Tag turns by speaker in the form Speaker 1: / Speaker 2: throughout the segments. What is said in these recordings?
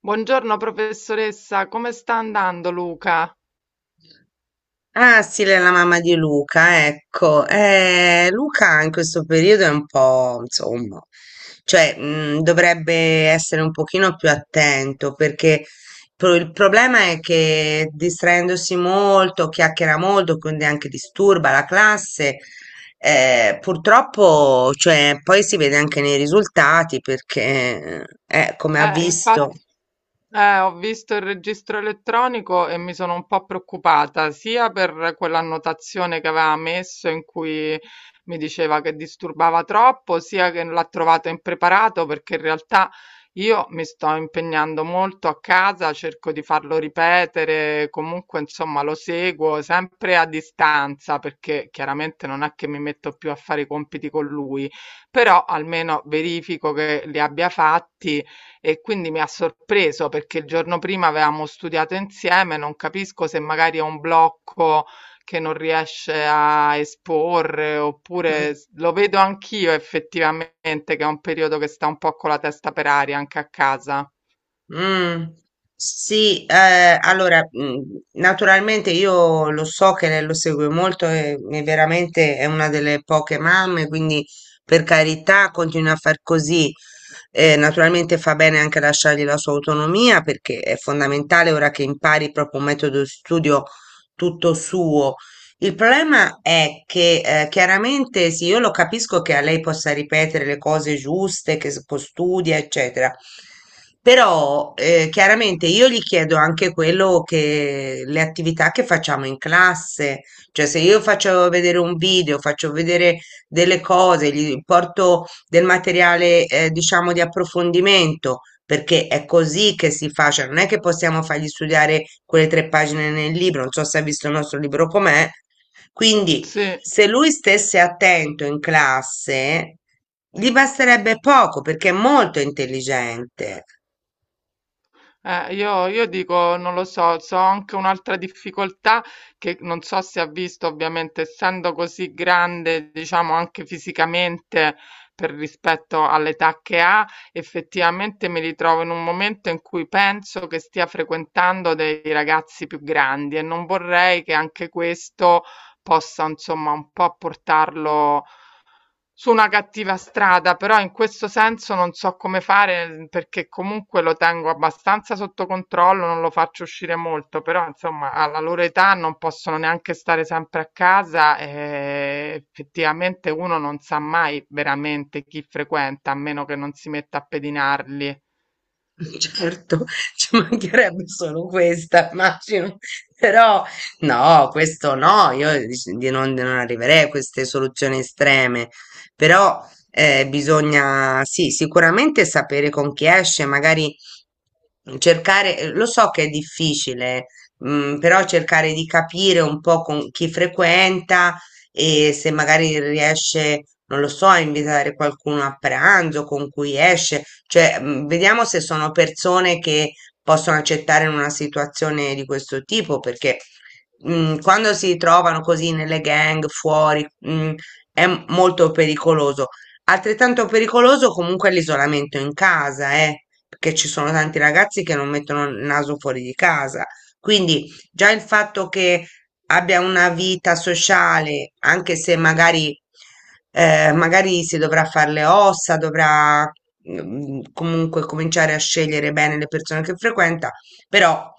Speaker 1: Buongiorno professoressa, come sta andando Luca?
Speaker 2: Ah, sì, lei è la mamma di Luca, ecco. Luca in questo periodo è un po', insomma, cioè, dovrebbe essere un pochino più attento perché il problema è che distraendosi molto, chiacchiera molto, quindi anche disturba la classe, purtroppo, cioè, poi si vede anche nei risultati perché, come ha visto.
Speaker 1: Infatti, ho visto il registro elettronico e mi sono un po' preoccupata, sia per quell'annotazione che aveva messo in cui mi diceva che disturbava troppo, sia che l'ha trovato impreparato, perché in realtà io mi sto impegnando molto a casa, cerco di farlo ripetere, comunque insomma lo seguo sempre a distanza, perché chiaramente non è che mi metto più a fare i compiti con lui, però almeno verifico che li abbia fatti e quindi mi ha sorpreso perché il giorno prima avevamo studiato insieme, non capisco se magari è un blocco che non riesce a esporre, oppure s- lo vedo anch'io effettivamente che è un periodo che sta un po' con la testa per aria anche a casa.
Speaker 2: Mm, sì, allora, naturalmente io lo so che lei lo segue molto e veramente è una delle poche mamme, quindi per carità continua a far così. Naturalmente fa bene anche lasciargli la sua autonomia perché è fondamentale ora che impari proprio un metodo di studio tutto suo. Il problema è che chiaramente sì, io lo capisco che a lei possa ripetere le cose giuste, che studia, eccetera, però chiaramente io gli chiedo anche quello che le attività che facciamo in classe, cioè se io faccio vedere un video, faccio vedere delle cose, gli porto del materiale diciamo di approfondimento, perché è così che si fa, cioè non è che possiamo fargli studiare quelle tre pagine nel libro, non so se ha visto il nostro libro com'è, quindi,
Speaker 1: Sì.
Speaker 2: se lui stesse attento in classe, gli basterebbe poco perché è molto intelligente.
Speaker 1: Io dico, non lo so, so anche un'altra difficoltà che non so se ha visto, ovviamente, essendo così grande, diciamo anche fisicamente per rispetto all'età che ha, effettivamente mi ritrovo in un momento in cui penso che stia frequentando dei ragazzi più grandi e non vorrei che anche questo possa, insomma, un po' portarlo su una cattiva strada, però in questo senso non so come fare, perché comunque lo tengo abbastanza sotto controllo, non lo faccio uscire molto, però insomma alla loro età non possono neanche stare sempre a casa e effettivamente uno non sa mai veramente chi frequenta, a meno che non si metta a pedinarli.
Speaker 2: Certo, ci mancherebbe solo questa, immagino, però no, questo no, io di non arriverei a queste soluzioni estreme, però bisogna, sì, sicuramente sapere con chi esce, magari cercare, lo so che è difficile, però cercare di capire un po' con chi frequenta e se magari riesce, non lo so, a invitare qualcuno a pranzo con cui esce, cioè, vediamo se sono persone che possono accettare in una situazione di questo tipo, perché quando si trovano così nelle gang fuori, è molto pericoloso. Altrettanto pericoloso comunque è l'isolamento in casa, perché ci sono tanti ragazzi che non mettono il naso fuori di casa. Quindi già il fatto che abbia una vita sociale, anche se magari, magari si dovrà fare le ossa, dovrà comunque cominciare a scegliere bene le persone che frequenta, però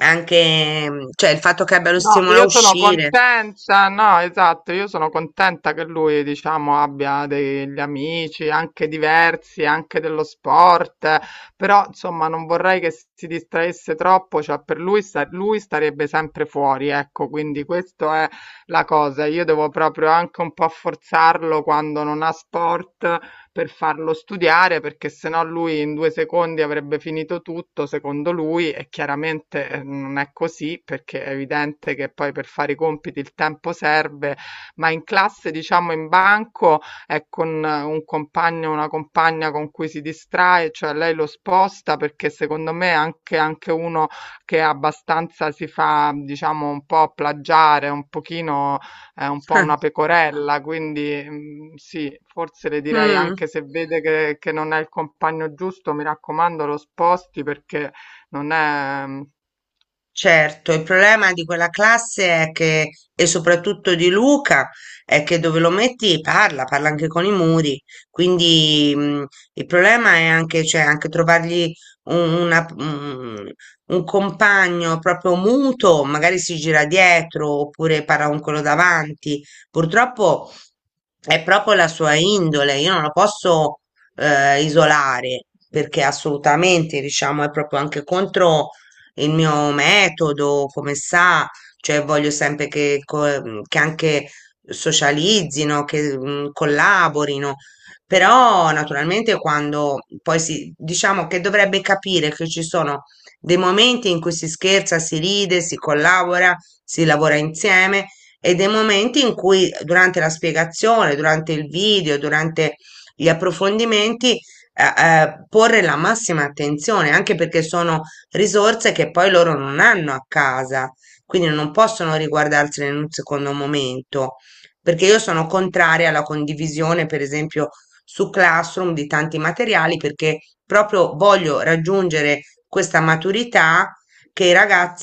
Speaker 2: anche, cioè, il fatto che abbia lo
Speaker 1: No,
Speaker 2: stimolo a
Speaker 1: io sono
Speaker 2: uscire.
Speaker 1: contenta, no, esatto, io sono contenta che lui, diciamo, abbia degli amici anche diversi, anche dello sport, però insomma non vorrei che si distraesse troppo, cioè per lui, sta- lui starebbe sempre fuori, ecco, quindi questa è la cosa, io devo proprio anche un po' forzarlo quando non ha sport, per farlo studiare perché sennò lui in due secondi avrebbe finito tutto, secondo lui, e chiaramente non è così perché è evidente che poi per fare i compiti il tempo serve, ma in classe, diciamo in banco, è con un compagno o una compagna con cui si distrae, cioè lei lo sposta perché secondo me anche uno che abbastanza si fa, diciamo, un po' plagiare, un pochino è un po' una pecorella, quindi mm, sì, forse le direi
Speaker 2: Mm.
Speaker 1: anche se vede che non è il compagno giusto, mi raccomando, lo sposti perché non è... Mm.
Speaker 2: Certo, il problema di quella classe è che, e soprattutto di Luca, è che dove lo metti parla, parla anche con i muri. Quindi, il problema è anche, cioè, anche trovargli un, una- un- un compagno proprio muto, magari si gira dietro oppure parla con quello davanti. Purtroppo è proprio la sua indole, io non lo posso, isolare perché assolutamente, diciamo, è proprio anche contro il mio metodo, come sa, cioè voglio sempre che, che anche socializzino, che collaborino, però naturalmente quando poi si, diciamo che dovrebbe capire che ci sono dei momenti in cui si scherza, si ride, si collabora, si lavora insieme e dei momenti in cui durante la spiegazione, durante il video, durante gli approfondimenti, porre la massima attenzione, anche perché sono risorse che poi loro non hanno a casa, quindi non possono riguardarsene in un secondo momento, perché io sono contraria alla condivisione, per esempio, su Classroom di tanti materiali, perché proprio voglio raggiungere questa maturità che i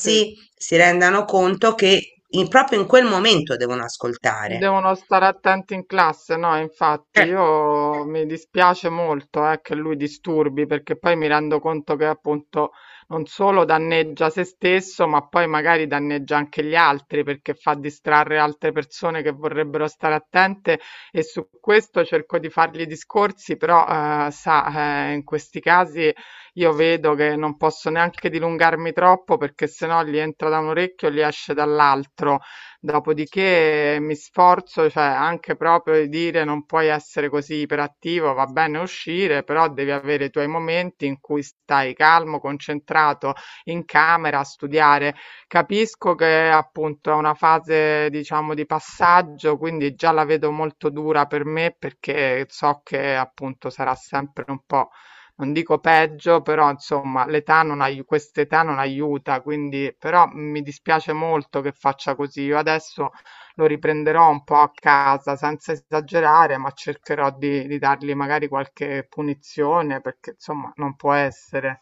Speaker 1: Sì.
Speaker 2: si rendano conto che proprio in quel momento devono ascoltare.
Speaker 1: Devono stare attenti in classe, no, infatti io mi dispiace molto che lui disturbi perché poi mi rendo conto che appunto non solo danneggia se stesso, ma poi magari danneggia anche gli altri perché fa distrarre altre persone che vorrebbero stare attente e su questo cerco di fargli discorsi, però sa, in questi casi io vedo che non posso neanche dilungarmi troppo perché sennò gli entra da un orecchio e gli esce dall'altro. Dopodiché mi sforzo, cioè anche proprio di dire non puoi essere così iperattivo, va bene uscire, però devi avere i tuoi momenti in cui stai calmo, concentrato in camera a studiare. Capisco che appunto è una fase, diciamo, di passaggio, quindi già la vedo molto dura per me perché so che appunto sarà sempre un po'. Non dico peggio, però insomma l'età non ai- quest'età non aiuta, quindi però mm, mi dispiace molto che faccia così. Io adesso lo riprenderò un po' a casa senza esagerare, ma cercherò di dargli magari qualche punizione perché insomma non può essere.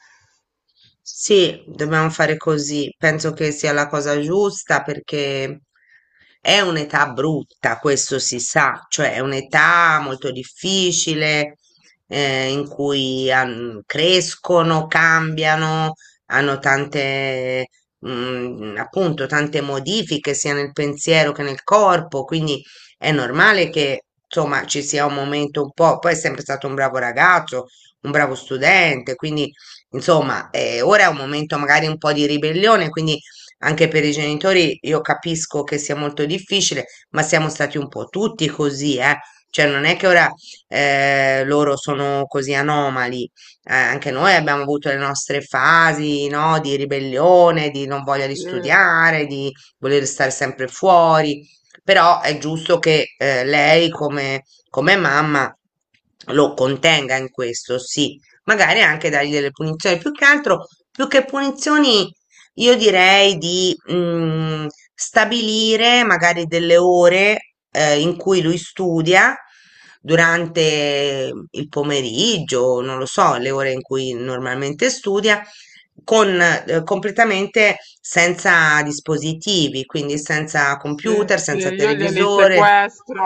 Speaker 2: Sì, dobbiamo fare così. Penso che sia la cosa giusta perché è un'età brutta, questo si sa, cioè è un'età molto difficile in cui crescono, cambiano, hanno tante, appunto, tante modifiche sia nel pensiero che nel corpo, quindi è normale che insomma ci sia un momento un po'. Poi è sempre stato un bravo ragazzo, un bravo studente, quindi insomma, ora è un momento magari un po' di ribellione, quindi anche per i genitori io capisco che sia molto difficile, ma siamo stati un po' tutti così, eh. Cioè, non è che ora loro sono così anomali. Anche noi abbiamo avuto le nostre fasi, no, di ribellione, di non voglia di
Speaker 1: Sì.
Speaker 2: studiare, di voler stare sempre fuori. Però è giusto che lei, come, come mamma, lo contenga in questo, sì magari anche dargli delle punizioni. Più che altro, più che punizioni, io direi di stabilire magari delle ore in cui lui studia durante il pomeriggio, non lo so, le ore in cui normalmente studia, con completamente senza dispositivi, quindi senza
Speaker 1: Sì,
Speaker 2: computer,
Speaker 1: sì,
Speaker 2: senza
Speaker 1: io glieli
Speaker 2: televisore.
Speaker 1: sequestro,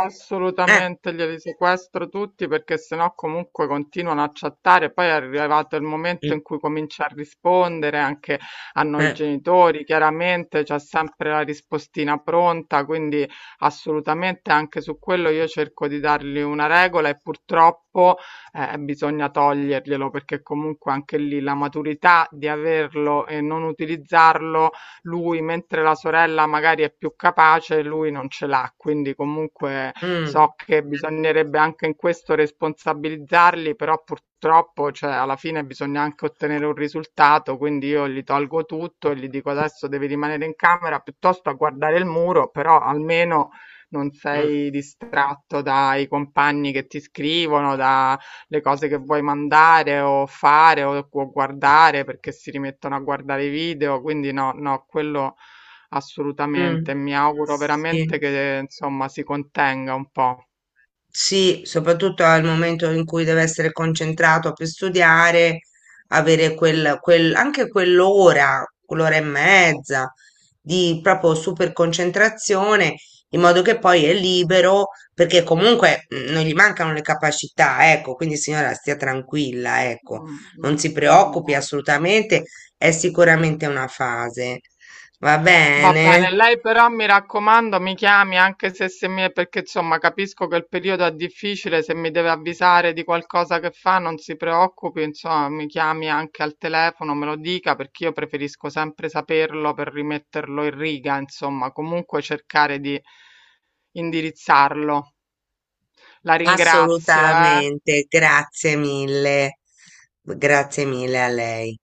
Speaker 2: Eh,
Speaker 1: assolutamente glieli sequestro tutti perché sennò comunque continuano a chattare. Poi è arrivato il momento
Speaker 2: mm,
Speaker 1: in cui comincia a rispondere anche a noi
Speaker 2: eh,
Speaker 1: genitori, chiaramente c'è sempre la rispostina pronta, quindi assolutamente anche su quello io cerco di dargli una regola e purtroppo bisogna toglierglielo perché comunque anche lì la maturità di averlo e non utilizzarlo lui, mentre la sorella magari è più capace, lui non ce l'ha. Quindi comunque
Speaker 2: mm,
Speaker 1: so che bisognerebbe anche in questo responsabilizzarli, però purtroppo, cioè, alla fine bisogna anche ottenere un risultato, quindi io gli tolgo tutto e gli dico adesso devi rimanere in camera piuttosto a guardare il muro, però almeno non
Speaker 2: mm,
Speaker 1: sei distratto dai compagni che ti scrivono, da le cose che vuoi mandare o fare o guardare perché si rimettono a guardare i video, quindi no, no, quello
Speaker 2: mm.
Speaker 1: assolutamente. Mi auguro
Speaker 2: Sì.
Speaker 1: veramente che insomma si contenga un po'.
Speaker 2: Sì, soprattutto al momento in cui deve essere concentrato per studiare, avere quel, anche quell'ora, quell'ora e mezza di proprio super concentrazione, in modo che poi è libero, perché comunque non gli mancano le capacità, ecco, quindi signora stia tranquilla, ecco,
Speaker 1: Mm,
Speaker 2: non si
Speaker 1: mm,
Speaker 2: preoccupi
Speaker 1: vabbè.
Speaker 2: assolutamente, è sicuramente una fase. Va
Speaker 1: Va
Speaker 2: bene?
Speaker 1: bene, lei però mi raccomando, mi chiami anche se mi... perché insomma capisco che il periodo è difficile, se mi deve avvisare di qualcosa che fa non si preoccupi, insomma mi chiami anche al telefono, me lo dica perché io preferisco sempre saperlo per rimetterlo in riga, insomma comunque cercare di indirizzarlo. La ringrazio, eh.
Speaker 2: Assolutamente, grazie mille. Grazie mille a lei.